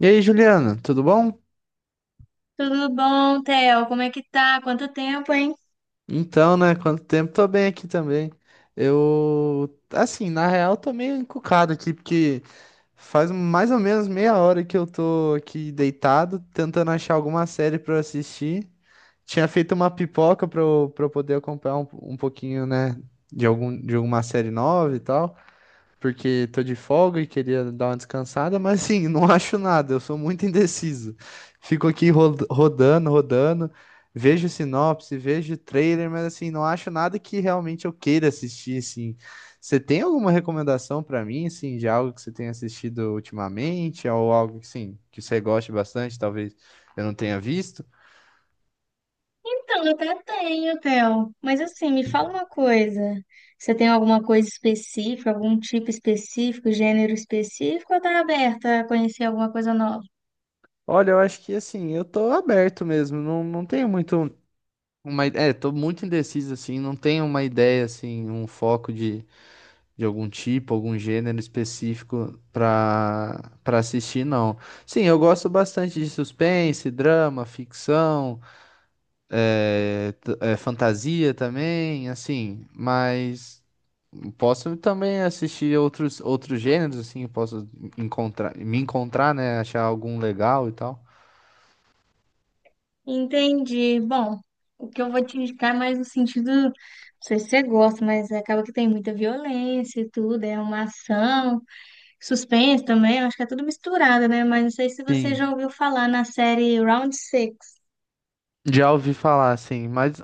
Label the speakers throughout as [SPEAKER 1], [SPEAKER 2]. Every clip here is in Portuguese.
[SPEAKER 1] E aí, Juliana, tudo bom?
[SPEAKER 2] Tudo bom, Theo? Como é que tá? Quanto tempo, hein?
[SPEAKER 1] Então, né? Quanto tempo? Tô bem aqui também. Eu, assim, na real, tô meio encucado aqui, porque faz mais ou menos meia hora que eu tô aqui deitado, tentando achar alguma série pra eu assistir. Tinha feito uma pipoca pra eu poder acompanhar um pouquinho, né, de algum, de alguma série nova e tal. Porque tô de folga e queria dar uma descansada, mas assim, não acho nada, eu sou muito indeciso. Fico aqui rodando, rodando, vejo sinopse, vejo trailer, mas assim, não acho nada que realmente eu queira assistir, assim. Você tem alguma recomendação pra mim, assim, de algo que você tenha assistido ultimamente, ou algo que, sim, que você goste bastante, talvez eu não tenha visto?
[SPEAKER 2] Então, eu até tenho, Theo. Mas assim, me fala uma coisa. Você tem alguma coisa específica, algum tipo específico, gênero específico, ou tá aberta a conhecer alguma coisa nova?
[SPEAKER 1] Olha, eu acho que assim, eu tô aberto mesmo, não tenho muito. Tô muito indeciso, assim, não tenho uma ideia, assim, um foco de algum tipo, algum gênero específico pra assistir, não. Sim, eu gosto bastante de suspense, drama, ficção, fantasia também, assim, mas posso também assistir outros gêneros, assim, posso encontrar, me encontrar, né, achar algum legal e tal.
[SPEAKER 2] Entendi. Bom, o que eu vou te indicar é mais no sentido, não sei se você gosta, mas acaba que tem muita violência e tudo, é uma ação, suspense também, acho que é tudo misturado, né? Mas não sei se você
[SPEAKER 1] Sim,
[SPEAKER 2] já ouviu falar na série Round Six.
[SPEAKER 1] já ouvi falar, assim, mas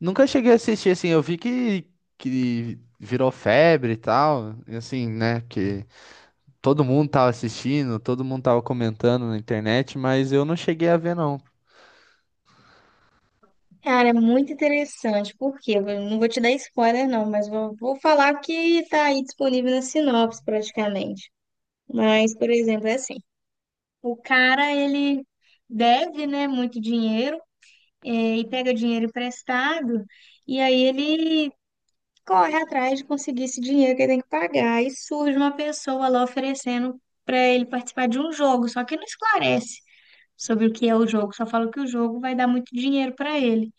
[SPEAKER 1] nunca cheguei a assistir, assim, eu vi que virou febre e tal, e assim, né, que todo mundo tava assistindo, todo mundo tava comentando na internet, mas eu não cheguei a ver, não.
[SPEAKER 2] Cara, é muito interessante, porque eu não vou te dar spoiler, não, mas vou falar que está aí disponível na sinopse praticamente. Mas, por exemplo, é assim: o cara ele deve, né, muito dinheiro e pega dinheiro emprestado, e aí ele corre atrás de conseguir esse dinheiro que ele tem que pagar. E surge uma pessoa lá oferecendo para ele participar de um jogo, só que não esclarece sobre o que é o jogo, só fala que o jogo vai dar muito dinheiro para ele.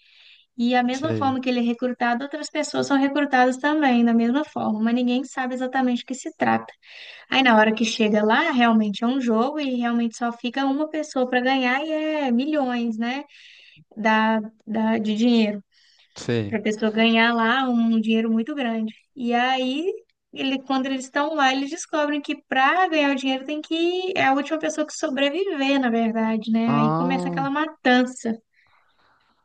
[SPEAKER 2] E a mesma
[SPEAKER 1] Sei,
[SPEAKER 2] forma que ele é recrutado, outras pessoas são recrutadas também, da mesma forma, mas ninguém sabe exatamente o que se trata. Aí na hora que chega lá, realmente é um jogo e realmente só fica uma pessoa para ganhar e é milhões, né, da, de dinheiro. Para
[SPEAKER 1] sei.
[SPEAKER 2] a pessoa ganhar lá um dinheiro muito grande. E aí, ele, quando eles estão lá, eles descobrem que para ganhar o dinheiro tem que. É a última pessoa que sobreviver, na verdade, né? Aí começa
[SPEAKER 1] Ah,
[SPEAKER 2] aquela matança.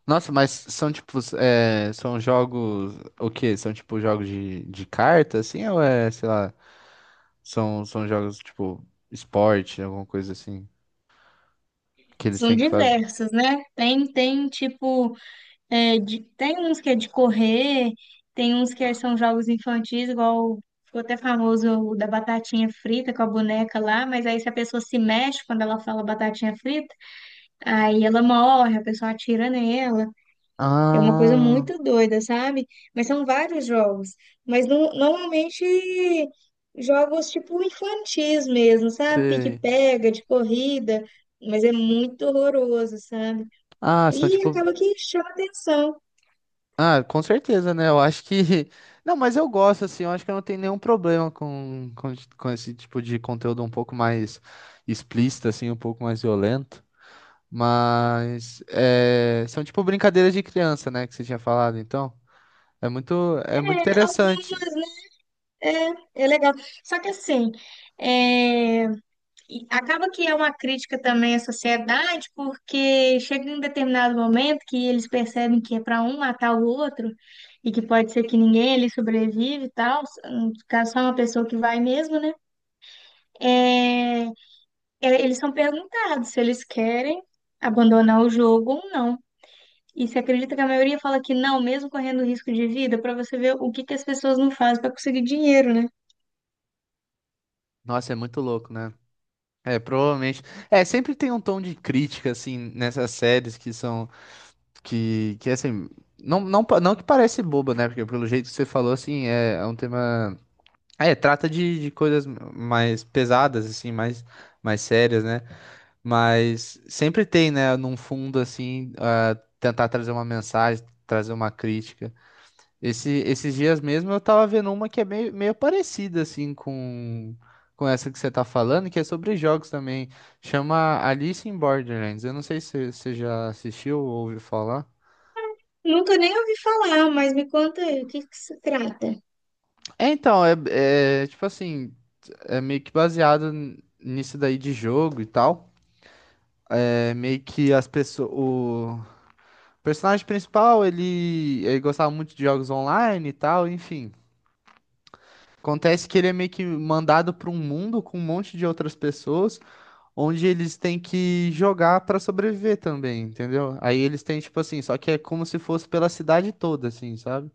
[SPEAKER 1] nossa, mas são tipo, é, são jogos, o quê? São tipo jogos de carta, assim, ou é, sei lá, são jogos tipo esporte, alguma coisa assim, que eles
[SPEAKER 2] São
[SPEAKER 1] têm que fazer?
[SPEAKER 2] diversas, né? Tem tipo. É, tem uns que é de correr, tem uns que é, são jogos infantis, igual ficou até famoso o da batatinha frita com a boneca lá, mas aí se a pessoa se mexe quando ela fala batatinha frita, aí ela morre, a pessoa atira nela. É uma coisa
[SPEAKER 1] Ah,
[SPEAKER 2] muito doida, sabe? Mas são vários jogos. Mas normalmente jogos tipo infantis mesmo, sabe?
[SPEAKER 1] sei.
[SPEAKER 2] Pique-pega, de corrida, mas é muito horroroso, sabe?
[SPEAKER 1] Ah, são
[SPEAKER 2] E
[SPEAKER 1] tipo.
[SPEAKER 2] acaba que chama atenção.
[SPEAKER 1] Ah, com certeza, né? Eu acho que. Não, mas eu gosto, assim, eu acho que eu não tenho nenhum problema com esse tipo de conteúdo um pouco mais explícito, assim, um pouco mais violento. Mas é, são tipo brincadeiras de criança, né? Que você tinha falado, então. É muito interessante.
[SPEAKER 2] Algumas, é, é legal. Só que assim, é, e acaba que é uma crítica também à sociedade, porque chega em um determinado momento que eles percebem que é para um matar o outro, e que pode ser que ninguém ali sobrevive e tal, no caso só uma pessoa que vai mesmo, né? É, eles são perguntados se eles querem abandonar o jogo ou não. E você acredita que a maioria fala que não, mesmo correndo risco de vida, para você ver o que que as pessoas não fazem para conseguir dinheiro, né?
[SPEAKER 1] Nossa, é muito louco, né? É, provavelmente. É, sempre tem um tom de crítica, assim, nessas séries que são. Que assim. Não que parece boba, né? Porque pelo jeito que você falou, assim, é um tema. Ah, é, trata de coisas mais pesadas, assim, mais, mais sérias, né? Mas sempre tem, né, num fundo, assim, ah, tentar trazer uma mensagem, trazer uma crítica. Esses dias mesmo eu tava vendo uma que é meio parecida, assim, com essa que você tá falando, que é sobre jogos também. Chama Alice in Borderlands. Eu não sei se você já assistiu ou ouviu falar.
[SPEAKER 2] Nunca nem ouvi falar, mas me conta aí, o que que se trata?
[SPEAKER 1] É, então, é, é tipo assim, é meio que baseado nisso daí de jogo e tal. É meio que as pessoas. O personagem principal, ele gostava muito de jogos online e tal, enfim. Acontece que ele é meio que mandado para um mundo com um monte de outras pessoas, onde eles têm que jogar para sobreviver também, entendeu? Aí eles têm, tipo assim, só que é como se fosse pela cidade toda, assim, sabe?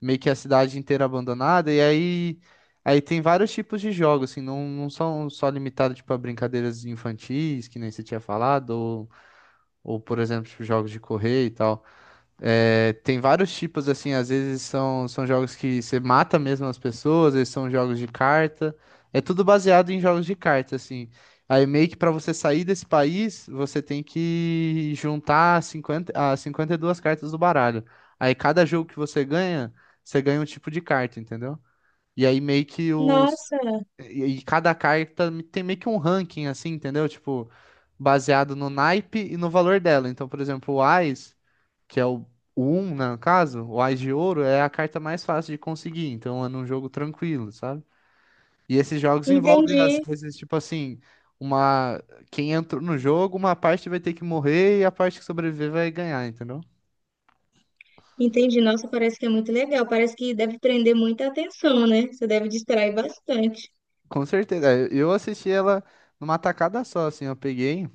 [SPEAKER 1] Meio que a cidade inteira abandonada, e aí. Aí tem vários tipos de jogos, assim, não são só limitados, tipo, a brincadeiras infantis, que nem você tinha falado, ou por exemplo, tipo, jogos de correr e tal. É, tem vários tipos, assim, às vezes são, são jogos que você mata mesmo as pessoas, eles são jogos de carta. É tudo baseado em jogos de carta, assim. Aí meio que para você sair desse país, você tem que juntar 52 cartas do baralho. Aí cada jogo que você ganha um tipo de carta, entendeu? E aí meio que o,
[SPEAKER 2] Nossa,
[SPEAKER 1] e cada carta tem meio que um ranking, assim, entendeu? Tipo, baseado no naipe e no valor dela. Então, por exemplo, o Ás, que é o 1, no caso, o Ás de ouro é a carta mais fácil de conseguir. Então, é num jogo tranquilo, sabe? E esses jogos envolvem, às
[SPEAKER 2] entendi.
[SPEAKER 1] vezes, tipo assim, uma... Quem entrou no jogo, uma parte vai ter que morrer e a parte que sobreviver vai ganhar, entendeu?
[SPEAKER 2] Entendi. Nossa, parece que é muito legal. Parece que deve prender muita atenção, né? Você deve distrair bastante.
[SPEAKER 1] Com certeza. É, eu assisti ela numa tacada só, assim,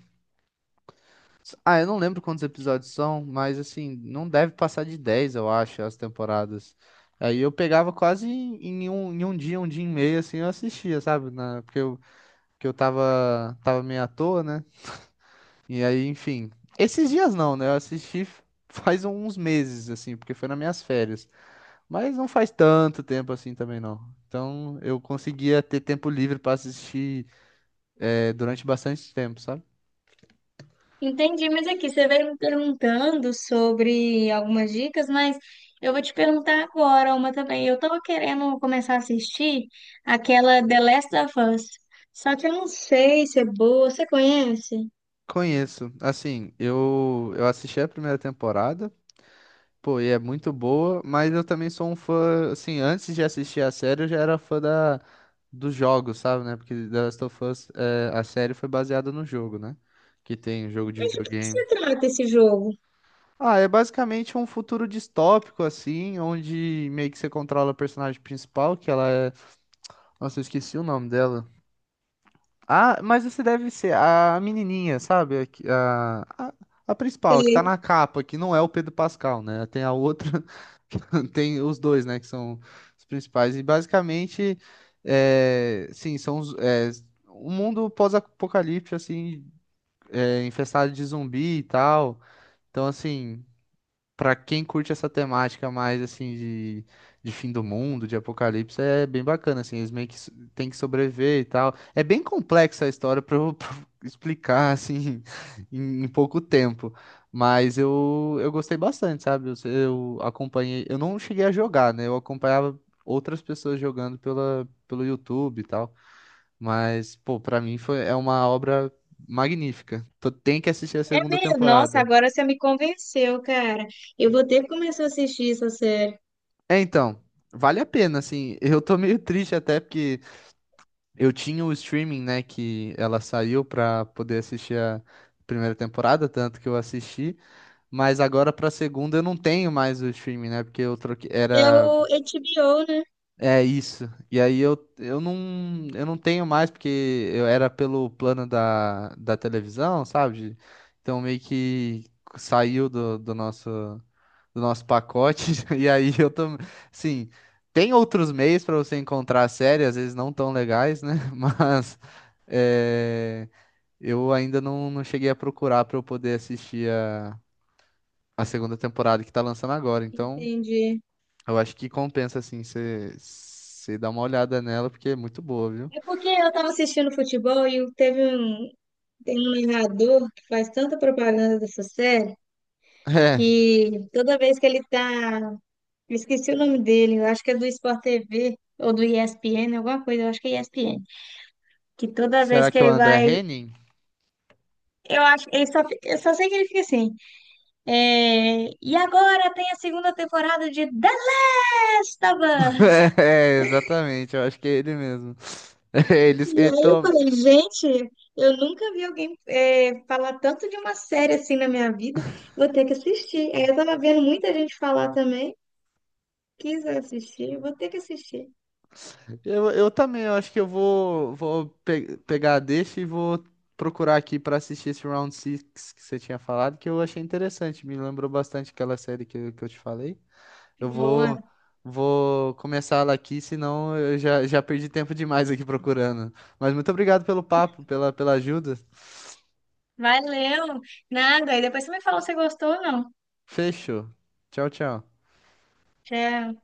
[SPEAKER 1] ah, eu não lembro quantos episódios são, mas assim, não deve passar de 10, eu acho, as temporadas. Aí eu pegava quase em um dia e meio, assim, eu assistia, sabe? Porque eu tava meio à toa, né? E aí, enfim. Esses dias não, né? Eu assisti faz uns meses, assim, porque foi nas minhas férias. Mas não faz tanto tempo assim também, não. Então eu conseguia ter tempo livre pra assistir, durante bastante tempo, sabe?
[SPEAKER 2] Entendi, mas aqui você veio me perguntando sobre algumas dicas, mas eu vou te perguntar agora uma também. Eu tava querendo começar a assistir aquela The Last of Us, só que eu não sei se é boa. Você conhece?
[SPEAKER 1] Conheço. Assim, eu assisti a primeira temporada, pô, e é muito boa, mas eu também sou um fã, assim, antes de assistir a série, eu já era fã da, dos jogos, sabe, né? Porque The Last of Us, é, a série foi baseada no jogo, né? Que tem um jogo de
[SPEAKER 2] Mas de que se
[SPEAKER 1] videogame.
[SPEAKER 2] trata esse jogo?
[SPEAKER 1] Ah, é basicamente um futuro distópico, assim, onde meio que você controla a personagem principal, que nossa, eu esqueci o nome dela. Ah, mas esse deve ser a menininha, sabe? A principal, a que tá na capa, que não é o Pedro Pascal, né? Tem a outra, tem os dois, né? Que são os principais. E basicamente, é, sim, são os, é, um mundo pós-apocalipse, assim, infestado de zumbi e tal. Então, assim, pra quem curte essa temática mais assim de fim do mundo, de apocalipse, é bem bacana, assim, eles meio que têm que sobreviver e tal. É bem complexa a história pra eu pra eu explicar assim em pouco tempo, mas eu gostei bastante, sabe? Eu acompanhei, eu não cheguei a jogar, né? Eu acompanhava outras pessoas jogando pelo YouTube e tal, mas pô, pra mim foi é uma obra magnífica. Tem que assistir a
[SPEAKER 2] É
[SPEAKER 1] segunda
[SPEAKER 2] mesmo? Nossa,
[SPEAKER 1] temporada.
[SPEAKER 2] agora você me convenceu, cara. Eu vou ter que começar a assistir essa série.
[SPEAKER 1] É, então, vale a pena, assim. Eu tô meio triste até porque eu tinha o streaming, né, que ela saiu pra poder assistir a primeira temporada, tanto que eu assisti, mas agora pra segunda eu não tenho mais o streaming, né, porque eu troquei,
[SPEAKER 2] É
[SPEAKER 1] era,
[SPEAKER 2] o HBO, né?
[SPEAKER 1] é isso. E aí eu não tenho mais porque eu era pelo plano da televisão, sabe? Então meio que saiu do, do nosso do nosso pacote. E aí eu também, sim, tem outros meios para você encontrar a série, às vezes não tão legais, né? Mas é, eu ainda não cheguei a procurar para eu poder assistir a segunda temporada que tá lançando agora. Então,
[SPEAKER 2] Entendi.
[SPEAKER 1] eu acho que compensa assim você dar uma olhada nela, porque é muito boa, viu?
[SPEAKER 2] É porque eu tava assistindo futebol e teve um, tem um narrador que faz tanta propaganda dessa série
[SPEAKER 1] É.
[SPEAKER 2] que toda vez que ele tá. Eu esqueci o nome dele, eu acho que é do Sport TV ou do ESPN, alguma coisa, eu acho que é ESPN. Que toda vez
[SPEAKER 1] Será
[SPEAKER 2] que
[SPEAKER 1] que é o
[SPEAKER 2] ele
[SPEAKER 1] André
[SPEAKER 2] vai.
[SPEAKER 1] Henning?
[SPEAKER 2] Eu acho. Eu só sei que ele fica assim. É, e agora tem a segunda temporada de The Last of Us.
[SPEAKER 1] É, exatamente, eu acho que é ele mesmo. Eles,
[SPEAKER 2] E aí eu falei, gente, eu nunca vi alguém é, falar tanto de uma série assim na minha vida, vou ter que assistir. Aí eu tava vendo muita gente falar também, quis assistir, vou ter que assistir.
[SPEAKER 1] eu também, eu acho que eu vou pegar a deixa e vou procurar aqui pra assistir esse Round six que você tinha falado, que eu achei interessante, me lembrou bastante aquela série que eu te falei. Eu
[SPEAKER 2] Boa,
[SPEAKER 1] vou, vou começar ela aqui, senão eu já perdi tempo demais aqui procurando. Mas muito obrigado pelo papo, pela ajuda.
[SPEAKER 2] valeu. Nada, e depois você me fala se gostou ou não.
[SPEAKER 1] Fechou. Tchau, tchau.
[SPEAKER 2] Tchau.